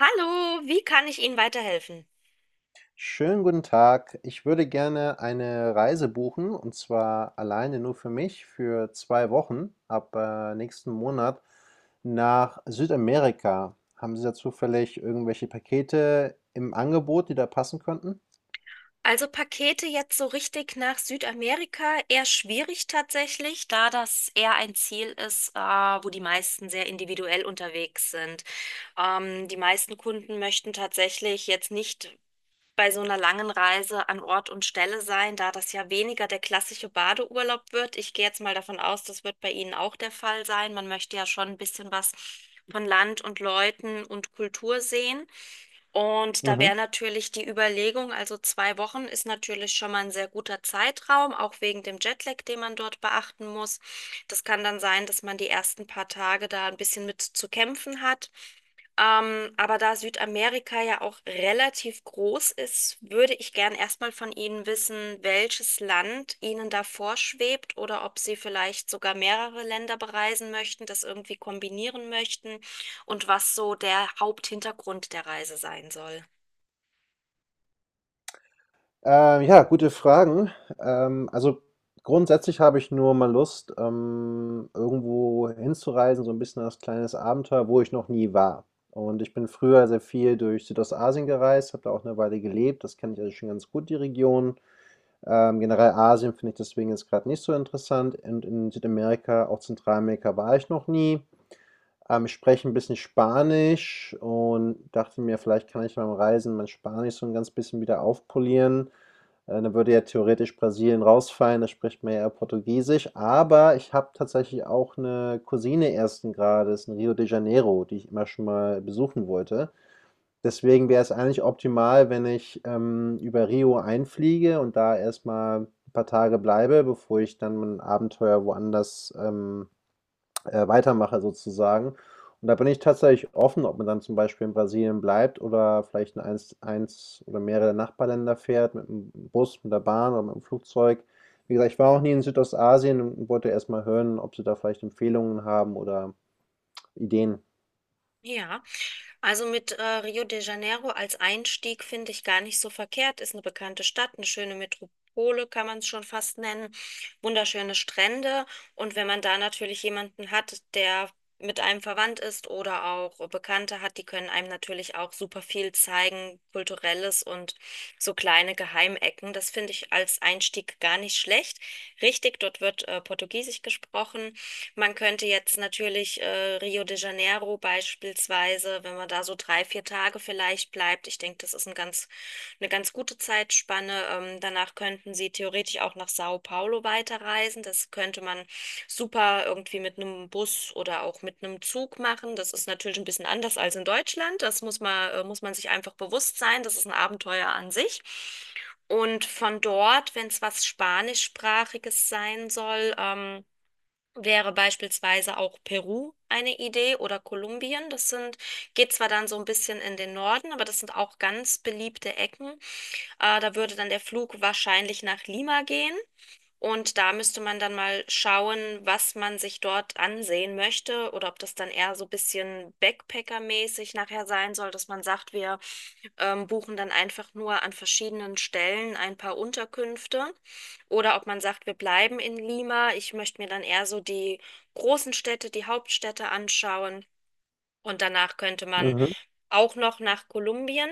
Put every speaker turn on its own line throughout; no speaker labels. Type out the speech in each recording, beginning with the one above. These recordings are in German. Hallo, wie kann ich Ihnen weiterhelfen?
Schönen guten Tag. Ich würde gerne eine Reise buchen und zwar alleine nur für mich für 2 Wochen ab nächsten Monat nach Südamerika. Haben Sie da zufällig irgendwelche Pakete im Angebot, die da passen könnten?
Also Pakete jetzt so richtig nach Südamerika eher schwierig tatsächlich, da das eher ein Ziel ist, wo die meisten sehr individuell unterwegs sind. Die meisten Kunden möchten tatsächlich jetzt nicht bei so einer langen Reise an Ort und Stelle sein, da das ja weniger der klassische Badeurlaub wird. Ich gehe jetzt mal davon aus, das wird bei Ihnen auch der Fall sein. Man möchte ja schon ein bisschen was von Land und Leuten und Kultur sehen. Und da wäre
Mhm.
natürlich die Überlegung, also 2 Wochen ist natürlich schon mal ein sehr guter Zeitraum, auch wegen dem Jetlag, den man dort beachten muss. Das kann dann sein, dass man die ersten paar Tage da ein bisschen mit zu kämpfen hat. Aber da Südamerika ja auch relativ groß ist, würde ich gern erstmal von Ihnen wissen, welches Land Ihnen da vorschwebt oder ob Sie vielleicht sogar mehrere Länder bereisen möchten, das irgendwie kombinieren möchten und was so der Haupthintergrund der Reise sein soll.
Ja, gute Fragen. Also grundsätzlich habe ich nur mal Lust, irgendwo hinzureisen, so ein bisschen als kleines Abenteuer, wo ich noch nie war. Und ich bin früher sehr viel durch Südostasien gereist, habe da auch eine Weile gelebt. Das kenne ich also schon ganz gut, die Region. Generell Asien finde ich deswegen jetzt gerade nicht so interessant und in Südamerika, auch Zentralamerika war ich noch nie. Ich spreche ein bisschen Spanisch und dachte mir, vielleicht kann ich beim Reisen mein Spanisch so ein ganz bisschen wieder aufpolieren. Dann würde ja theoretisch Brasilien rausfallen, da spricht man ja eher Portugiesisch. Aber ich habe tatsächlich auch eine Cousine ersten Grades in Rio de Janeiro, die ich immer schon mal besuchen wollte. Deswegen wäre es eigentlich optimal, wenn ich, über Rio einfliege und da erst mal 'n paar Tage bleibe, bevor ich dann mein Abenteuer woanders, weitermache sozusagen. Und da bin ich tatsächlich offen, ob man dann zum Beispiel in Brasilien bleibt oder vielleicht in eins oder mehrere Nachbarländer fährt, mit dem Bus, mit der Bahn oder mit dem Flugzeug. Wie gesagt, ich war auch nie in Südostasien und wollte erstmal hören, ob Sie da vielleicht Empfehlungen haben oder Ideen.
Ja, also mit Rio de Janeiro als Einstieg finde ich gar nicht so verkehrt. Ist eine bekannte Stadt, eine schöne Metropole, kann man es schon fast nennen. Wunderschöne Strände. Und wenn man da natürlich jemanden hat, der mit einem verwandt ist oder auch Bekannte hat, die können einem natürlich auch super viel zeigen, kulturelles und so kleine Geheimecken. Das finde ich als Einstieg gar nicht schlecht. Richtig, dort wird Portugiesisch gesprochen. Man könnte jetzt natürlich Rio de Janeiro beispielsweise, wenn man da so 3, 4 Tage vielleicht bleibt, ich denke, das ist eine ganz gute Zeitspanne. Danach könnten Sie theoretisch auch nach Sao Paulo weiterreisen. Das könnte man super irgendwie mit einem Bus oder auch mit einem Zug machen. Das ist natürlich ein bisschen anders als in Deutschland. Das muss man sich einfach bewusst sein. Das ist ein Abenteuer an sich. Und von dort, wenn es was Spanischsprachiges sein soll, wäre beispielsweise auch Peru eine Idee oder Kolumbien. Das sind, geht zwar dann so ein bisschen in den Norden, aber das sind auch ganz beliebte Ecken. Da würde dann der Flug wahrscheinlich nach Lima gehen. Und da müsste man dann mal schauen, was man sich dort ansehen möchte oder ob das dann eher so ein bisschen Backpacker-mäßig nachher sein soll, dass man sagt, wir buchen dann einfach nur an verschiedenen Stellen ein paar Unterkünfte. Oder ob man sagt, wir bleiben in Lima. Ich möchte mir dann eher so die großen Städte, die Hauptstädte anschauen. Und danach könnte man
Mhm.
auch noch nach Kolumbien.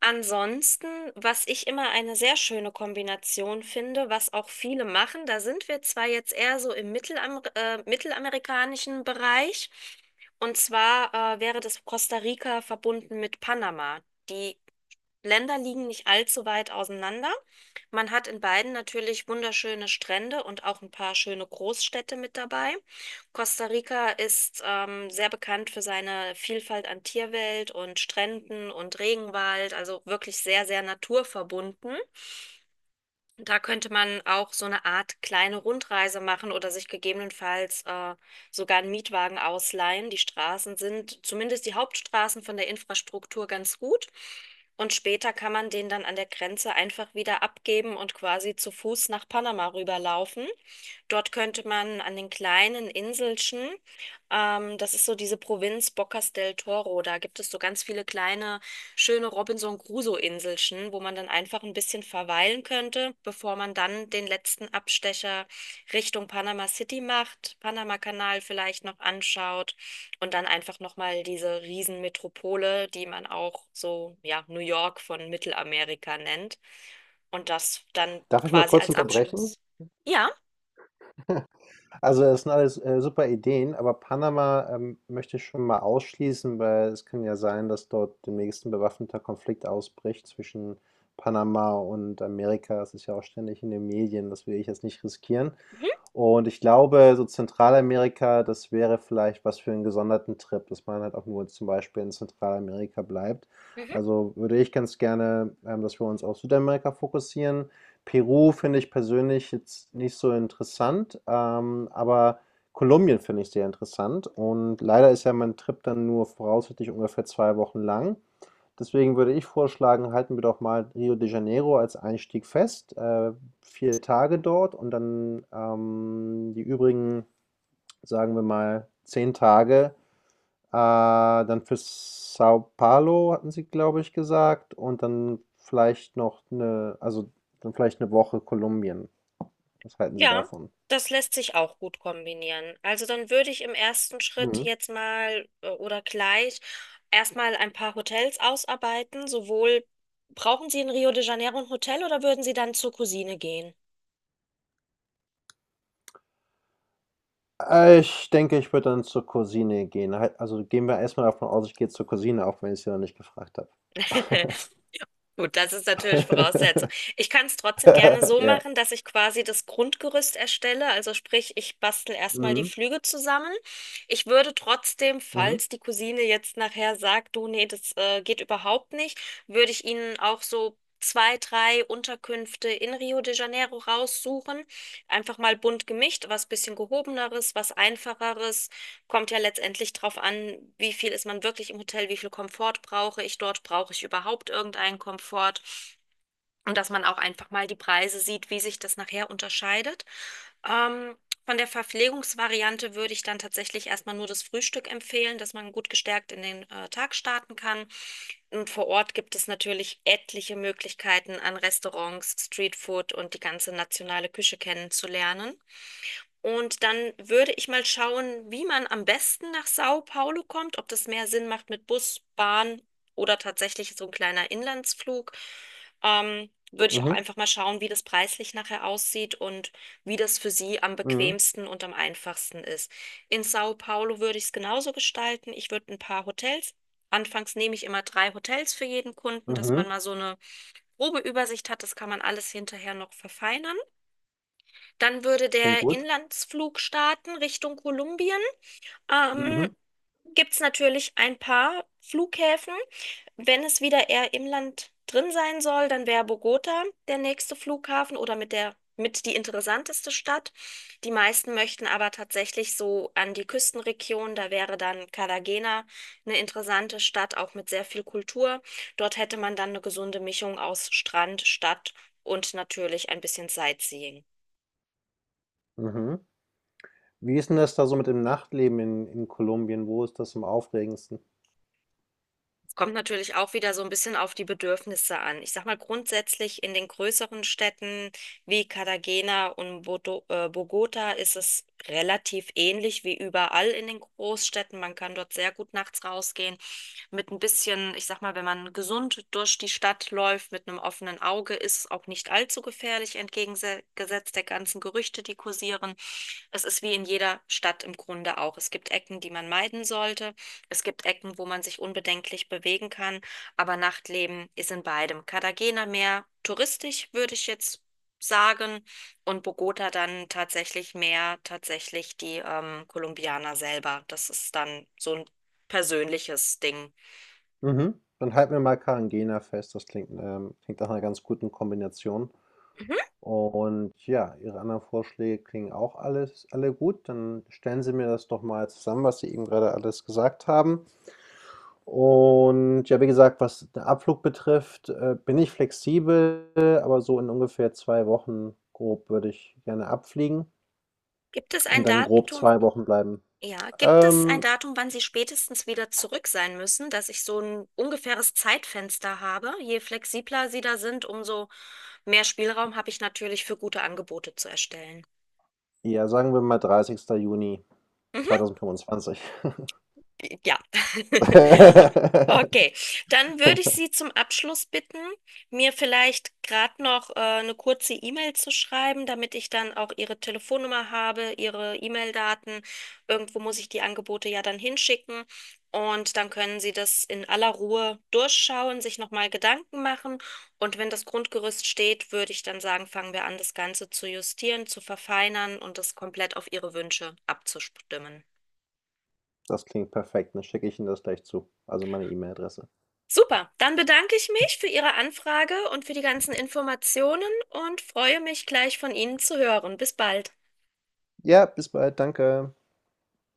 Ansonsten, was ich immer eine sehr schöne Kombination finde, was auch viele machen, da sind wir zwar jetzt eher so im mittelamerikanischen Bereich, und zwar wäre das Costa Rica verbunden mit Panama. Die Länder liegen nicht allzu weit auseinander. Man hat in beiden natürlich wunderschöne Strände und auch ein paar schöne Großstädte mit dabei. Costa Rica ist sehr bekannt für seine Vielfalt an Tierwelt und Stränden und Regenwald, also wirklich sehr, sehr naturverbunden. Da könnte man auch so eine Art kleine Rundreise machen oder sich gegebenenfalls sogar einen Mietwagen ausleihen. Die Straßen sind, zumindest die Hauptstraßen von der Infrastruktur, ganz gut. Und später kann man den dann an der Grenze einfach wieder abgeben und quasi zu Fuß nach Panama rüberlaufen. Dort könnte man an den kleinen Inselchen, das ist so diese Provinz Bocas del Toro, da gibt es so ganz viele kleine, schöne Robinson Crusoe-Inselchen, wo man dann einfach ein bisschen verweilen könnte, bevor man dann den letzten Abstecher Richtung Panama City macht, Panama-Kanal vielleicht noch anschaut und dann einfach nochmal diese Riesenmetropole, die man auch so, ja, New York von Mittelamerika nennt und das dann
Darf ich mal
quasi
kurz
als
unterbrechen?
Abschluss. Ja.
Also das sind alles super Ideen, aber Panama möchte ich schon mal ausschließen, weil es kann ja sein, dass dort demnächst ein bewaffneter Konflikt ausbricht zwischen Panama und Amerika. Es ist ja auch ständig in den Medien, das will ich jetzt nicht riskieren.
Mhm.
Und ich glaube, so Zentralamerika, das wäre vielleicht was für einen gesonderten Trip, dass man halt auch nur zum Beispiel in Zentralamerika bleibt.
Mhm.
Also, würde ich ganz gerne, dass wir uns auf Südamerika fokussieren. Peru finde ich persönlich jetzt nicht so interessant, aber Kolumbien finde ich sehr interessant und leider ist ja mein Trip dann nur voraussichtlich ungefähr 2 Wochen lang. Deswegen würde ich vorschlagen, halten wir doch mal Rio de Janeiro als Einstieg fest. 4 Tage dort und dann die übrigen, sagen wir mal, 10 Tage. Äh, Dann für Sao Paulo hatten Sie, glaube ich, gesagt. Und dann vielleicht noch also dann vielleicht eine Woche Kolumbien. Was halten Sie
Ja,
davon?
das lässt sich auch gut kombinieren. Also dann würde ich im ersten Schritt
Mhm.
jetzt mal oder gleich erstmal ein paar Hotels ausarbeiten. Sowohl brauchen Sie in Rio de Janeiro ein Hotel oder würden Sie dann zur Cousine gehen?
Ich denke, ich würde dann zur Cousine gehen. Also gehen wir erstmal davon aus, ich gehe zur Cousine, auch wenn ich sie noch nicht gefragt habe.
Gut, das ist natürlich Voraussetzung. Ich kann es trotzdem gerne so
Ja.
machen, dass ich quasi das Grundgerüst erstelle. Also sprich, ich bastel erstmal die
Mhm.
Flüge zusammen. Ich würde trotzdem,
Mhm.
falls die Cousine jetzt nachher sagt, du, nee, das geht überhaupt nicht, würde ich Ihnen auch so zwei, drei Unterkünfte in Rio de Janeiro raussuchen. Einfach mal bunt gemischt, was bisschen gehobeneres, was einfacheres. Kommt ja letztendlich drauf an, wie viel ist man wirklich im Hotel, wie viel Komfort brauche ich dort, brauche ich überhaupt irgendeinen Komfort und dass man auch einfach mal die Preise sieht, wie sich das nachher unterscheidet. Ähm, von der Verpflegungsvariante würde ich dann tatsächlich erstmal nur das Frühstück empfehlen, dass man gut gestärkt in den Tag starten kann. Und vor Ort gibt es natürlich etliche Möglichkeiten an Restaurants, Streetfood und die ganze nationale Küche kennenzulernen. Und dann würde ich mal schauen, wie man am besten nach Sao Paulo kommt, ob das mehr Sinn macht mit Bus, Bahn oder tatsächlich so ein kleiner Inlandsflug. Würde ich auch
Mhm.
einfach mal schauen, wie das preislich nachher aussieht und wie das für Sie am
Mhm.
bequemsten und am einfachsten ist. In Sao Paulo würde ich es genauso gestalten. Ich würde ein paar Hotels. Anfangs nehme ich immer drei Hotels für jeden Kunden, dass man
Mhm.
mal so eine grobe Übersicht hat. Das kann man alles hinterher noch verfeinern. Dann würde
Klingt
der
gut.
Inlandsflug starten Richtung Kolumbien. Ähm,
Mhm.
gibt es natürlich ein paar Flughäfen. Wenn es wieder eher im Land drin sein soll, dann wäre Bogota der nächste Flughafen oder mit die interessanteste Stadt. Die meisten möchten aber tatsächlich so an die Küstenregion. Da wäre dann Cartagena eine interessante Stadt, auch mit sehr viel Kultur. Dort hätte man dann eine gesunde Mischung aus Strand, Stadt und natürlich ein bisschen Sightseeing.
Mhm. Wie ist denn das da so mit dem Nachtleben in Kolumbien? Wo ist das am aufregendsten?
Es kommt natürlich auch wieder so ein bisschen auf die Bedürfnisse an. Ich sag mal grundsätzlich in den größeren Städten wie Cartagena und Bogota ist es relativ ähnlich wie überall in den Großstädten. Man kann dort sehr gut nachts rausgehen mit ein bisschen, ich sag mal, wenn man gesund durch die Stadt läuft, mit einem offenen Auge, ist es auch nicht allzu gefährlich, entgegengesetzt der ganzen Gerüchte, die kursieren. Es ist wie in jeder Stadt im Grunde auch. Es gibt Ecken, die man meiden sollte. Es gibt Ecken, wo man sich unbedenklich bewegen kann, aber Nachtleben ist in beidem. Cartagena mehr touristisch, würde ich jetzt sagen, und Bogota dann tatsächlich mehr tatsächlich die Kolumbianer selber. Das ist dann so ein persönliches Ding.
Mhm. Dann halten wir mal Cartagena fest. Das klingt nach 'ner ganz guten Kombination.
Mhm.
Und ja, Ihre anderen Vorschläge klingen auch alle gut. Dann stellen Sie mir das doch mal zusammen, was Sie eben gerade alles gesagt haben. Und ja, wie gesagt, was den Abflug betrifft, bin ich flexibel, aber so in ungefähr 2 Wochen grob würde ich gerne abfliegen
Gibt es ein
und dann grob
Datum?
2 Wochen bleiben.
Ja, gibt es ein
Ähm,
Datum, wann Sie spätestens wieder zurück sein müssen, dass ich so ein ungefähres Zeitfenster habe? Je flexibler Sie da sind, umso mehr Spielraum habe ich natürlich für gute Angebote zu erstellen.
ja, sagen wir mal 30. Juni 2025.
Ja. Okay, dann würde ich Sie zum Abschluss bitten, mir vielleicht gerade noch eine kurze E-Mail zu schreiben, damit ich dann auch Ihre Telefonnummer habe, Ihre E-Mail-Daten. Irgendwo muss ich die Angebote ja dann hinschicken und dann können Sie das in aller Ruhe durchschauen, sich nochmal Gedanken machen und wenn das Grundgerüst steht, würde ich dann sagen, fangen wir an, das Ganze zu justieren, zu verfeinern und das komplett auf Ihre Wünsche abzustimmen.
Das klingt perfekt, dann schicke ich Ihnen das gleich zu, also meine E-Mail-Adresse.
Super, dann bedanke ich mich für Ihre Anfrage und für die ganzen Informationen und freue mich gleich von Ihnen zu hören. Bis bald.
Ja, bis bald, danke.